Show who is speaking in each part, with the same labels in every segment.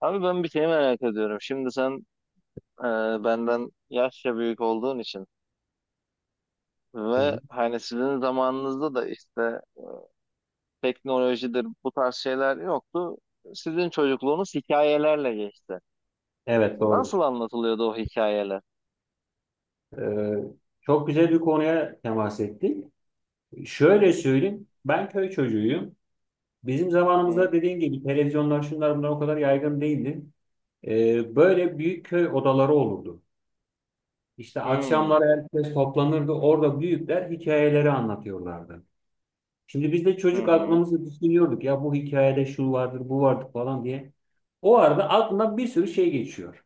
Speaker 1: Abi ben bir şey merak ediyorum. Şimdi sen e, benden yaşça büyük olduğun için
Speaker 2: Hı
Speaker 1: ve
Speaker 2: hı.
Speaker 1: hani sizin zamanınızda da işte teknolojidir bu tarz şeyler yoktu. Sizin çocukluğunuz hikayelerle geçti.
Speaker 2: Evet,
Speaker 1: Nasıl
Speaker 2: doğrudur.
Speaker 1: anlatılıyordu o hikayeler?
Speaker 2: Ee, Çok güzel bir konuya temas ettik. Şöyle söyleyeyim, ben köy çocuğuyum. Bizim
Speaker 1: Hı hı.
Speaker 2: zamanımızda dediğim gibi televizyonlar şunlar bunlar o kadar yaygın değildi. Böyle büyük köy odaları olurdu. İşte
Speaker 1: Hmm.
Speaker 2: akşamlar herkes toplanırdı. Orada büyükler hikayeleri anlatıyorlardı. Şimdi biz de
Speaker 1: Hı
Speaker 2: çocuk
Speaker 1: hı.
Speaker 2: aklımızı düşünüyorduk. Ya bu hikayede şu vardır, bu vardır falan diye. O arada aklına bir sürü şey geçiyor.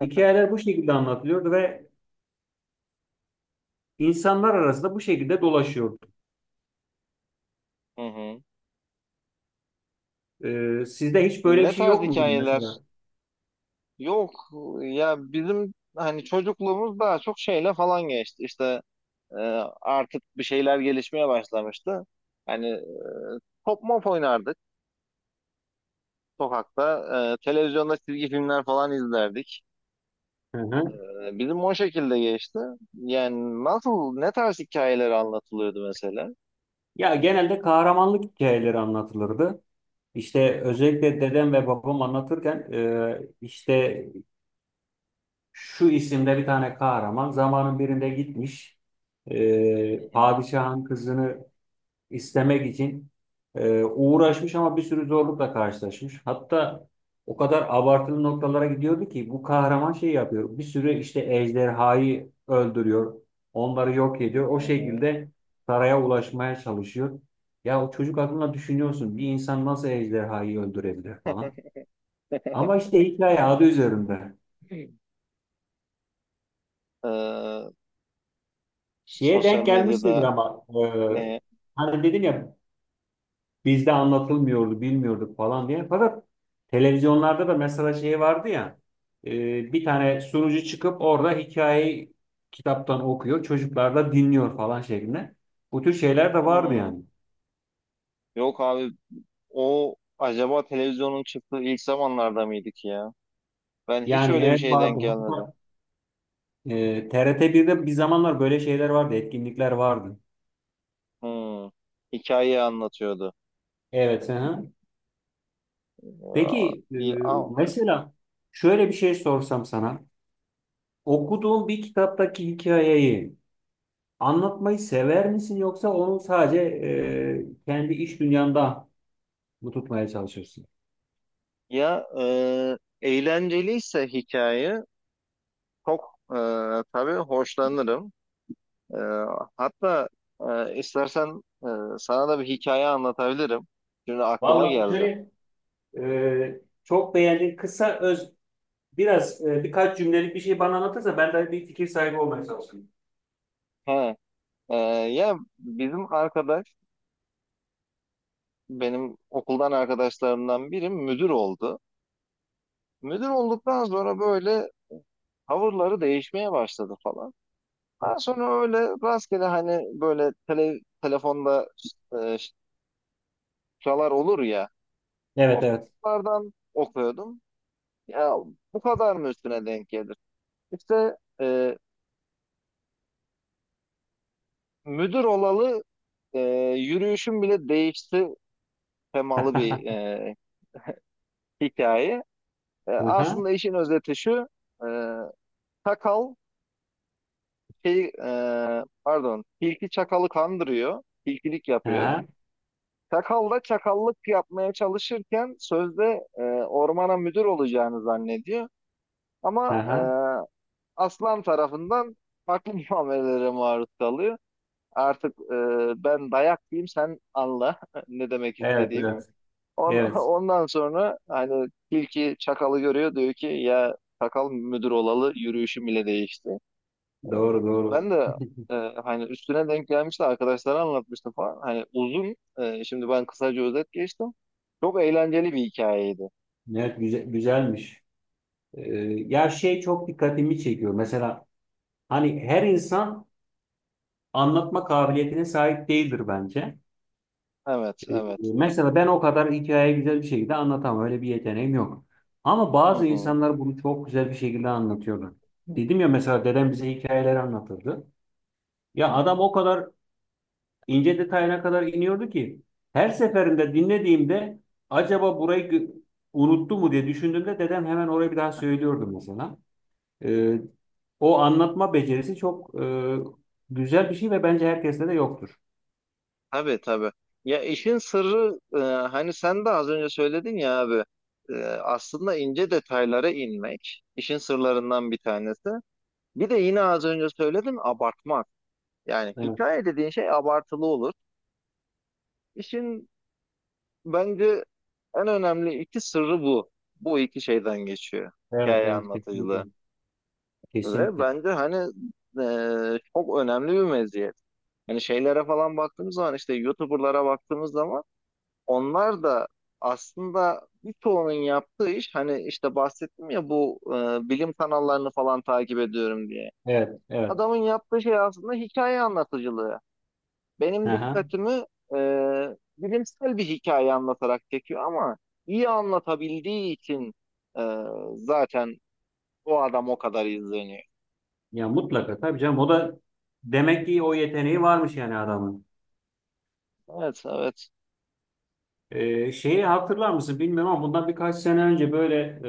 Speaker 2: Hikayeler bu şekilde anlatılıyordu ve insanlar arasında bu şekilde dolaşıyordu.
Speaker 1: Hı hı.
Speaker 2: Sizde hiç böyle bir
Speaker 1: Ne
Speaker 2: şey
Speaker 1: tarz
Speaker 2: yok muydu
Speaker 1: hikayeler?
Speaker 2: mesela?
Speaker 1: Yok ya, bizim hani çocukluğumuz daha çok şeyle falan geçti. İşte E, artık bir şeyler gelişmeye başlamıştı. Hani top mop oynardık sokakta. Televizyonda çizgi filmler falan izlerdik.
Speaker 2: Hı hı.
Speaker 1: Bizim o şekilde geçti. Yani nasıl, ne tarz hikayeler anlatılıyordu mesela?
Speaker 2: Ya genelde kahramanlık hikayeleri anlatılırdı. İşte özellikle dedem ve babam anlatırken işte şu isimde bir tane kahraman zamanın birinde gitmiş,
Speaker 1: Hı hı,
Speaker 2: padişahın kızını istemek için uğraşmış ama bir sürü zorlukla karşılaşmış. Hatta o kadar abartılı noktalara gidiyordu ki bu kahraman şey yapıyor. Bir sürü işte ejderhayı öldürüyor. Onları yok ediyor. O
Speaker 1: hı hı.
Speaker 2: şekilde saraya ulaşmaya çalışıyor. Ya o çocuk aklına düşünüyorsun, bir insan nasıl ejderhayı öldürebilir falan. Ama işte hikaye adı üzerinde.
Speaker 1: Ee,
Speaker 2: Şeye
Speaker 1: sosyal
Speaker 2: denk gelmişsindir
Speaker 1: medyada
Speaker 2: ama
Speaker 1: ne?
Speaker 2: hani dedim ya bizde anlatılmıyordu, bilmiyorduk falan diye. Fakat televizyonlarda da mesela şey vardı ya, bir tane sunucu çıkıp orada hikayeyi kitaptan okuyor, çocuklar da dinliyor falan şeklinde. Bu tür şeyler de vardı
Speaker 1: Hmm,
Speaker 2: yani.
Speaker 1: yok abi, o acaba televizyonun çıktığı ilk zamanlarda mıydık ya? Ben hiç
Speaker 2: Yani
Speaker 1: öyle bir
Speaker 2: evet
Speaker 1: şeye denk
Speaker 2: vardı.
Speaker 1: gelmedim.
Speaker 2: Hatta TRT1'de bir zamanlar böyle şeyler vardı, etkinlikler vardı.
Speaker 1: Hmm, hikayeyi anlatıyordu.
Speaker 2: Evet. Hı hı.
Speaker 1: Ya,
Speaker 2: Peki
Speaker 1: iyi,
Speaker 2: mesela şöyle bir şey sorsam sana. Okuduğun bir kitaptaki hikayeyi anlatmayı sever misin, yoksa onu sadece kendi iş dünyanda mı tutmaya çalışırsın?
Speaker 1: ya eğlenceliyse hikaye çok, e, tabii hoşlanırım. E, Hatta istersen sana da bir hikaye anlatabilirim. Şimdi aklıma
Speaker 2: Vallahi
Speaker 1: geldi.
Speaker 2: şöyle, çok beğendiğin kısa öz, biraz birkaç cümlelik bir şey bana anlatırsa ben de bir fikir sahibi olmaya çalışayım.
Speaker 1: He, e, ya bizim arkadaş, benim okuldan arkadaşlarımdan biri müdür oldu. Müdür olduktan sonra böyle tavırları değişmeye başladı falan. Daha sonra öyle rastgele hani böyle tele, telefonda e, şalar olur ya. O
Speaker 2: Evet, evet.
Speaker 1: kitaplardan okuyordum. Ya bu kadar mı üstüne denk gelir? İşte müdür olalı e, yürüyüşüm bile değişti temalı bir hikaye.
Speaker 2: Aha,
Speaker 1: Aslında işin özeti şu. E, Çakal şey, e, pardon, tilki çakalı kandırıyor. Tilkilik yapıyor.
Speaker 2: aha,
Speaker 1: Çakal da çakallık yapmaya çalışırken sözde ormana müdür olacağını zannediyor. Ama e,
Speaker 2: aha.
Speaker 1: aslan tarafından farklı muamelelere maruz kalıyor. Artık ben dayak diyeyim sen anla ne demek
Speaker 2: Evet,
Speaker 1: istediğimi.
Speaker 2: evet. Evet.
Speaker 1: Ondan sonra hani tilki çakalı görüyor, diyor ki ya çakal müdür olalı yürüyüşüm bile değişti.
Speaker 2: Doğru, doğru.
Speaker 1: Ben de e, hani üstüne denk gelmişti, arkadaşlara anlatmıştım falan. Hani uzun, şimdi ben kısaca özet geçtim. Çok eğlenceli bir hikayeydi.
Speaker 2: Evet, güzel, güzelmiş. E, Ya şey çok dikkatimi çekiyor. Mesela hani her insan anlatma kabiliyetine sahip değildir bence.
Speaker 1: Evet, evet.
Speaker 2: Mesela ben o kadar hikayeyi güzel bir şekilde anlatamam. Öyle bir yeteneğim yok. Ama
Speaker 1: Hı
Speaker 2: bazı
Speaker 1: hı.
Speaker 2: insanlar bunu çok güzel bir şekilde anlatıyorlar. Dedim ya, mesela dedem bize hikayeleri anlatırdı. Ya
Speaker 1: Hı.
Speaker 2: adam o kadar ince detayına kadar iniyordu ki her seferinde dinlediğimde acaba burayı unuttu mu diye düşündüğümde dedem hemen orayı bir daha söylüyordu mesela. E, O anlatma becerisi çok güzel bir şey ve bence herkeste de yoktur.
Speaker 1: Tabii, tabii. Ya işin sırrı, hani sen de az önce söyledin ya abi, aslında ince detaylara inmek işin sırlarından bir tanesi. Bir de yine az önce söyledim, abartmak. Yani
Speaker 2: Evet,
Speaker 1: hikaye dediğin şey abartılı olur. İşin bence en önemli iki sırrı bu. Bu iki şeyden geçiyor
Speaker 2: evet,
Speaker 1: hikaye
Speaker 2: evet, kesinlikle.
Speaker 1: anlatıcılığı. Ve
Speaker 2: Kesinlikle.
Speaker 1: bence hani çok önemli bir meziyet. Hani şeylere falan baktığımız zaman, işte YouTuber'lara baktığımız zaman, onlar da aslında birçoğunun yaptığı iş hani, işte bahsettim ya bu bilim kanallarını falan takip ediyorum diye.
Speaker 2: Evet, evet.
Speaker 1: Adamın yaptığı şey aslında hikaye anlatıcılığı. Benim
Speaker 2: Aha.
Speaker 1: dikkatimi e, bilimsel bir hikaye anlatarak çekiyor, ama iyi anlatabildiği için e, zaten o adam o kadar izleniyor.
Speaker 2: Ya mutlaka tabii canım, o da demek ki o yeteneği varmış yani adamın.
Speaker 1: Evet, evet.
Speaker 2: Şeyi hatırlar mısın bilmiyorum ama bundan birkaç sene önce böyle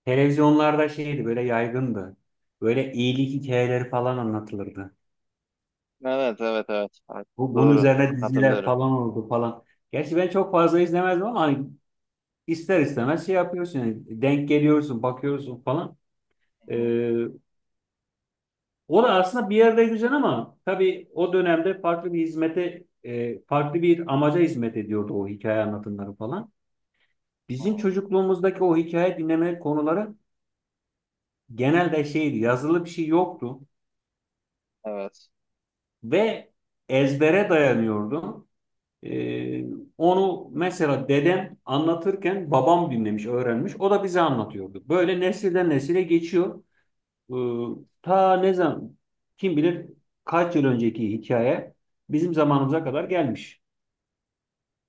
Speaker 2: televizyonlarda şeydi, böyle yaygındı. Böyle iyilik hikayeleri falan anlatılırdı.
Speaker 1: Evet, evet, evet. Evet.
Speaker 2: Bunun
Speaker 1: Doğru.
Speaker 2: üzerine diziler
Speaker 1: Hatırlıyorum.
Speaker 2: falan oldu falan. Gerçi ben çok fazla izlemezdim ama hani ister istemez şey yapıyorsun yani, denk geliyorsun, bakıyorsun falan.
Speaker 1: Hı hı,
Speaker 2: Ee, O da aslında bir yerde güzel ama tabii o dönemde farklı bir hizmete, farklı bir amaca hizmet ediyordu o hikaye anlatımları falan.
Speaker 1: hı hı.
Speaker 2: Bizim çocukluğumuzdaki o hikaye dinleme konuları genelde şeydi, yazılı bir şey yoktu
Speaker 1: Evet.
Speaker 2: ve ezbere dayanıyordu. E, Onu mesela dedem anlatırken babam dinlemiş, öğrenmiş, o da bize anlatıyordu. Böyle nesilden nesile geçiyor. Iı, Ta ne zaman, kim bilir kaç yıl önceki hikaye bizim zamanımıza
Speaker 1: Hı
Speaker 2: kadar
Speaker 1: hı.
Speaker 2: gelmiş.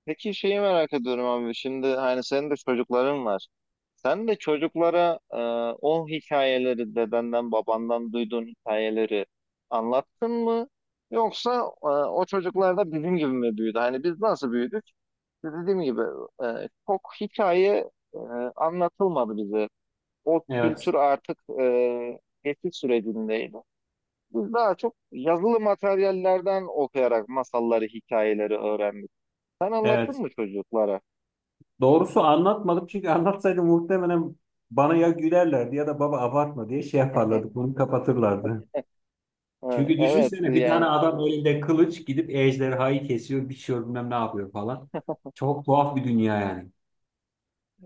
Speaker 1: Peki şeyi merak ediyorum abi. Şimdi hani senin de çocukların var. Sen de çocuklara o hikayeleri, dedenden babandan duyduğun hikayeleri anlattın mı? Yoksa o çocuklar da bizim gibi mi büyüdü? Hani biz nasıl büyüdük? Dediğim gibi, çok hikaye anlatılmadı bize. O kültür
Speaker 2: Evet.
Speaker 1: artık geçiş sürecindeydi. Biz daha çok yazılı materyallerden okuyarak masalları, hikayeleri öğrendik. Sen anlattın
Speaker 2: Evet.
Speaker 1: mı çocuklara?
Speaker 2: Doğrusu anlatmadım, çünkü anlatsaydım muhtemelen bana ya gülerlerdi ya da baba abartma diye şey yaparlardı. Bunu kapatırlardı.
Speaker 1: Ha,
Speaker 2: Çünkü
Speaker 1: evet,
Speaker 2: düşünsene, bir tane
Speaker 1: yani
Speaker 2: adam elinde kılıç gidip ejderhayı kesiyor, biçiyor, bilmem ne yapıyor falan. Çok tuhaf bir dünya yani.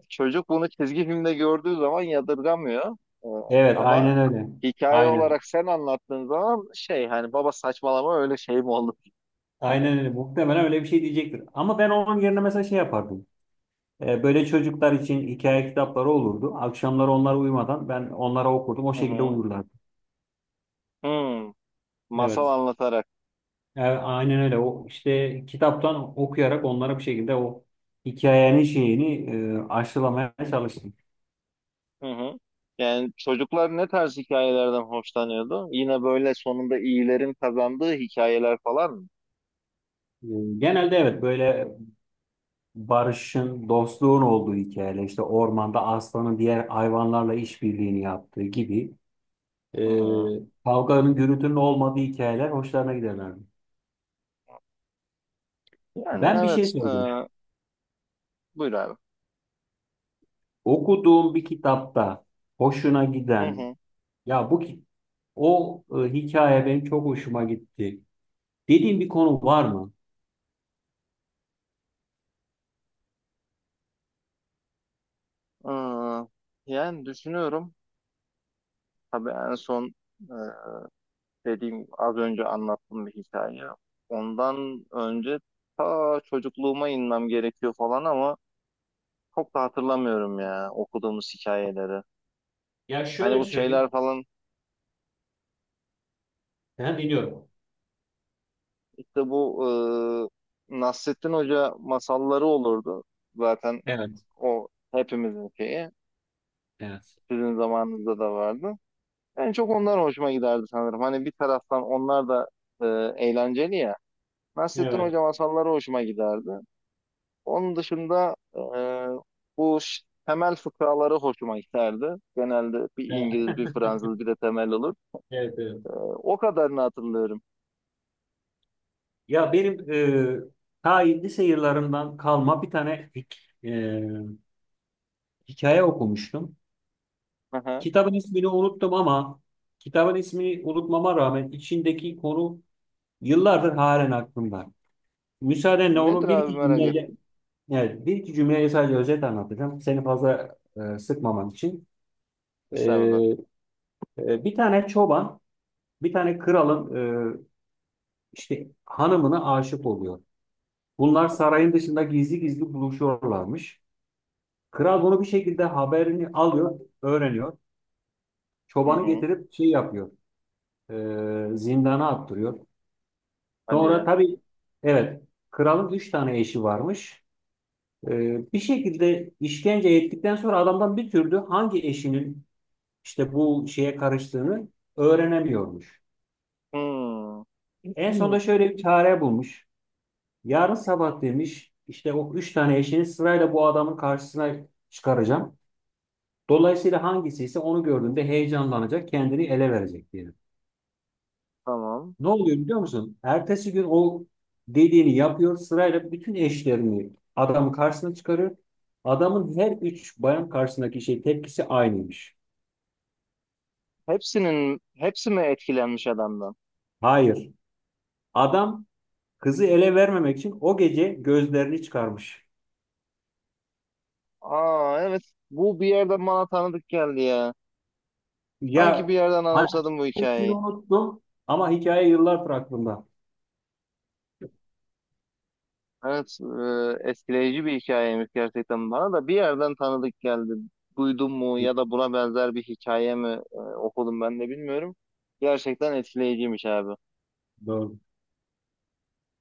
Speaker 1: çocuk bunu çizgi filmde gördüğü zaman yadırgamıyor. Ee,
Speaker 2: Evet,
Speaker 1: Ama
Speaker 2: aynen öyle.
Speaker 1: hikaye
Speaker 2: Aynen.
Speaker 1: olarak sen anlattığın zaman, şey, hani baba saçmalama, öyle şey mi olur?
Speaker 2: Aynen öyle. Muhtemelen öyle bir şey diyecektir. Ama ben onun yerine mesela şey yapardım. Böyle çocuklar için hikaye kitapları olurdu. Akşamları onlar uyumadan ben onlara okurdum. O
Speaker 1: Hı
Speaker 2: şekilde
Speaker 1: hı.
Speaker 2: uyurlardı.
Speaker 1: Hmm, masal
Speaker 2: Evet.
Speaker 1: anlatarak.
Speaker 2: Aynen öyle. O işte kitaptan okuyarak onlara bir şekilde o hikayenin şeyini aşılamaya çalıştım.
Speaker 1: Hı hı. Yani çocuklar ne tarz hikayelerden hoşlanıyordu? Yine böyle sonunda iyilerin kazandığı hikayeler falan mı?
Speaker 2: E, Genelde evet, böyle barışın, dostluğun olduğu hikayeler, işte ormanda aslanın diğer hayvanlarla işbirliğini yaptığı gibi,
Speaker 1: Hı hı.
Speaker 2: e, kavganın, gürültünün olmadığı hikayeler hoşlarına giderlerdi.
Speaker 1: Yani
Speaker 2: Ben bir şey
Speaker 1: evet.
Speaker 2: söyleyeceğim.
Speaker 1: Buyur abi.
Speaker 2: Okuduğum bir kitapta hoşuna
Speaker 1: Hı
Speaker 2: giden,
Speaker 1: hı.
Speaker 2: ya bu ki- o hikaye benim çok hoşuma gitti, dediğin bir konu var mı?
Speaker 1: Yani düşünüyorum. Tabii en son, e, dediğim, az önce anlattığım bir hikaye. Ondan önce ta çocukluğuma inmem gerekiyor falan, ama çok da hatırlamıyorum ya okuduğumuz hikayeleri.
Speaker 2: Ya
Speaker 1: Hani
Speaker 2: şöyle
Speaker 1: bu
Speaker 2: söyleyeyim.
Speaker 1: şeyler falan,
Speaker 2: Ben dinliyorum.
Speaker 1: işte bu Nasrettin Hoca masalları olurdu. Zaten
Speaker 2: Evet.
Speaker 1: o hepimizin şeyi.
Speaker 2: Evet.
Speaker 1: Sizin zamanınızda da vardı. En çok onlar hoşuma giderdi sanırım. Hani bir taraftan onlar da e, eğlenceli ya. Nasrettin
Speaker 2: Evet,
Speaker 1: Hoca masalları hoşuma giderdi. Onun dışında bu temel fıkraları hoşuma giderdi. Genelde bir
Speaker 2: evet,
Speaker 1: İngiliz, bir Fransız, bir de temel olur.
Speaker 2: evet, evet.
Speaker 1: O kadarını hatırlıyorum.
Speaker 2: Ya benim e, ta lise yıllarından kalma bir tane e, hikaye okumuştum.
Speaker 1: Hı hı.
Speaker 2: Kitabın ismini unuttum ama kitabın ismini unutmama rağmen içindeki konu yıllardır halen aklımda. Müsaadenle onu
Speaker 1: Nedir
Speaker 2: bir
Speaker 1: abi,
Speaker 2: iki
Speaker 1: merak
Speaker 2: cümleyle.
Speaker 1: ettim.
Speaker 2: Evet, bir iki cümleyi sadece özet anlatacağım. Seni fazla sıkmaman için.
Speaker 1: Mesela.
Speaker 2: E, Bir tane çoban, bir tane kralın e, işte hanımına aşık oluyor. Bunlar sarayın dışında gizli gizli buluşuyorlarmış. Kral bunu bir şekilde haberini alıyor, öğreniyor.
Speaker 1: Hı
Speaker 2: Çobanı
Speaker 1: hı.
Speaker 2: getirip şey yapıyor, zindana attırıyor.
Speaker 1: Hadi
Speaker 2: Sonra
Speaker 1: ya.
Speaker 2: tabii, evet, kralın 3 tane eşi varmış. Bir şekilde işkence ettikten sonra adamdan bir türlü hangi eşinin işte bu şeye karıştığını öğrenemiyormuş.
Speaker 1: Hmm.
Speaker 2: En sonunda
Speaker 1: Hmm.
Speaker 2: şöyle bir çare bulmuş. Yarın sabah demiş, işte o 3 tane eşini sırayla bu adamın karşısına çıkaracağım. Dolayısıyla hangisi ise onu gördüğünde heyecanlanacak, kendini ele verecek diyelim.
Speaker 1: Tamam.
Speaker 2: Ne oluyor biliyor musun? Ertesi gün o dediğini yapıyor. Sırayla bütün eşlerini adamın karşısına çıkarıyor. Adamın her 3 bayan karşısındaki şey tepkisi aynıymış.
Speaker 1: Hepsinin hepsi mi etkilenmiş adamdan?
Speaker 2: Hayır. Adam kızı ele vermemek için o gece gözlerini çıkarmış.
Speaker 1: Aa, evet. Bu bir yerden bana tanıdık geldi ya.
Speaker 2: Ya
Speaker 1: Sanki bir yerden
Speaker 2: hangi,
Speaker 1: anımsadım bu
Speaker 2: ismini
Speaker 1: hikayeyi.
Speaker 2: unuttum ama hikaye yıllardır aklımda.
Speaker 1: Evet, etkileyici bir hikayeymiş gerçekten, bana da bir yerden tanıdık geldi. Duydum mu ya da buna benzer bir hikaye mi okudum ben de bilmiyorum. Gerçekten etkileyiciymiş abi.
Speaker 2: Doğru.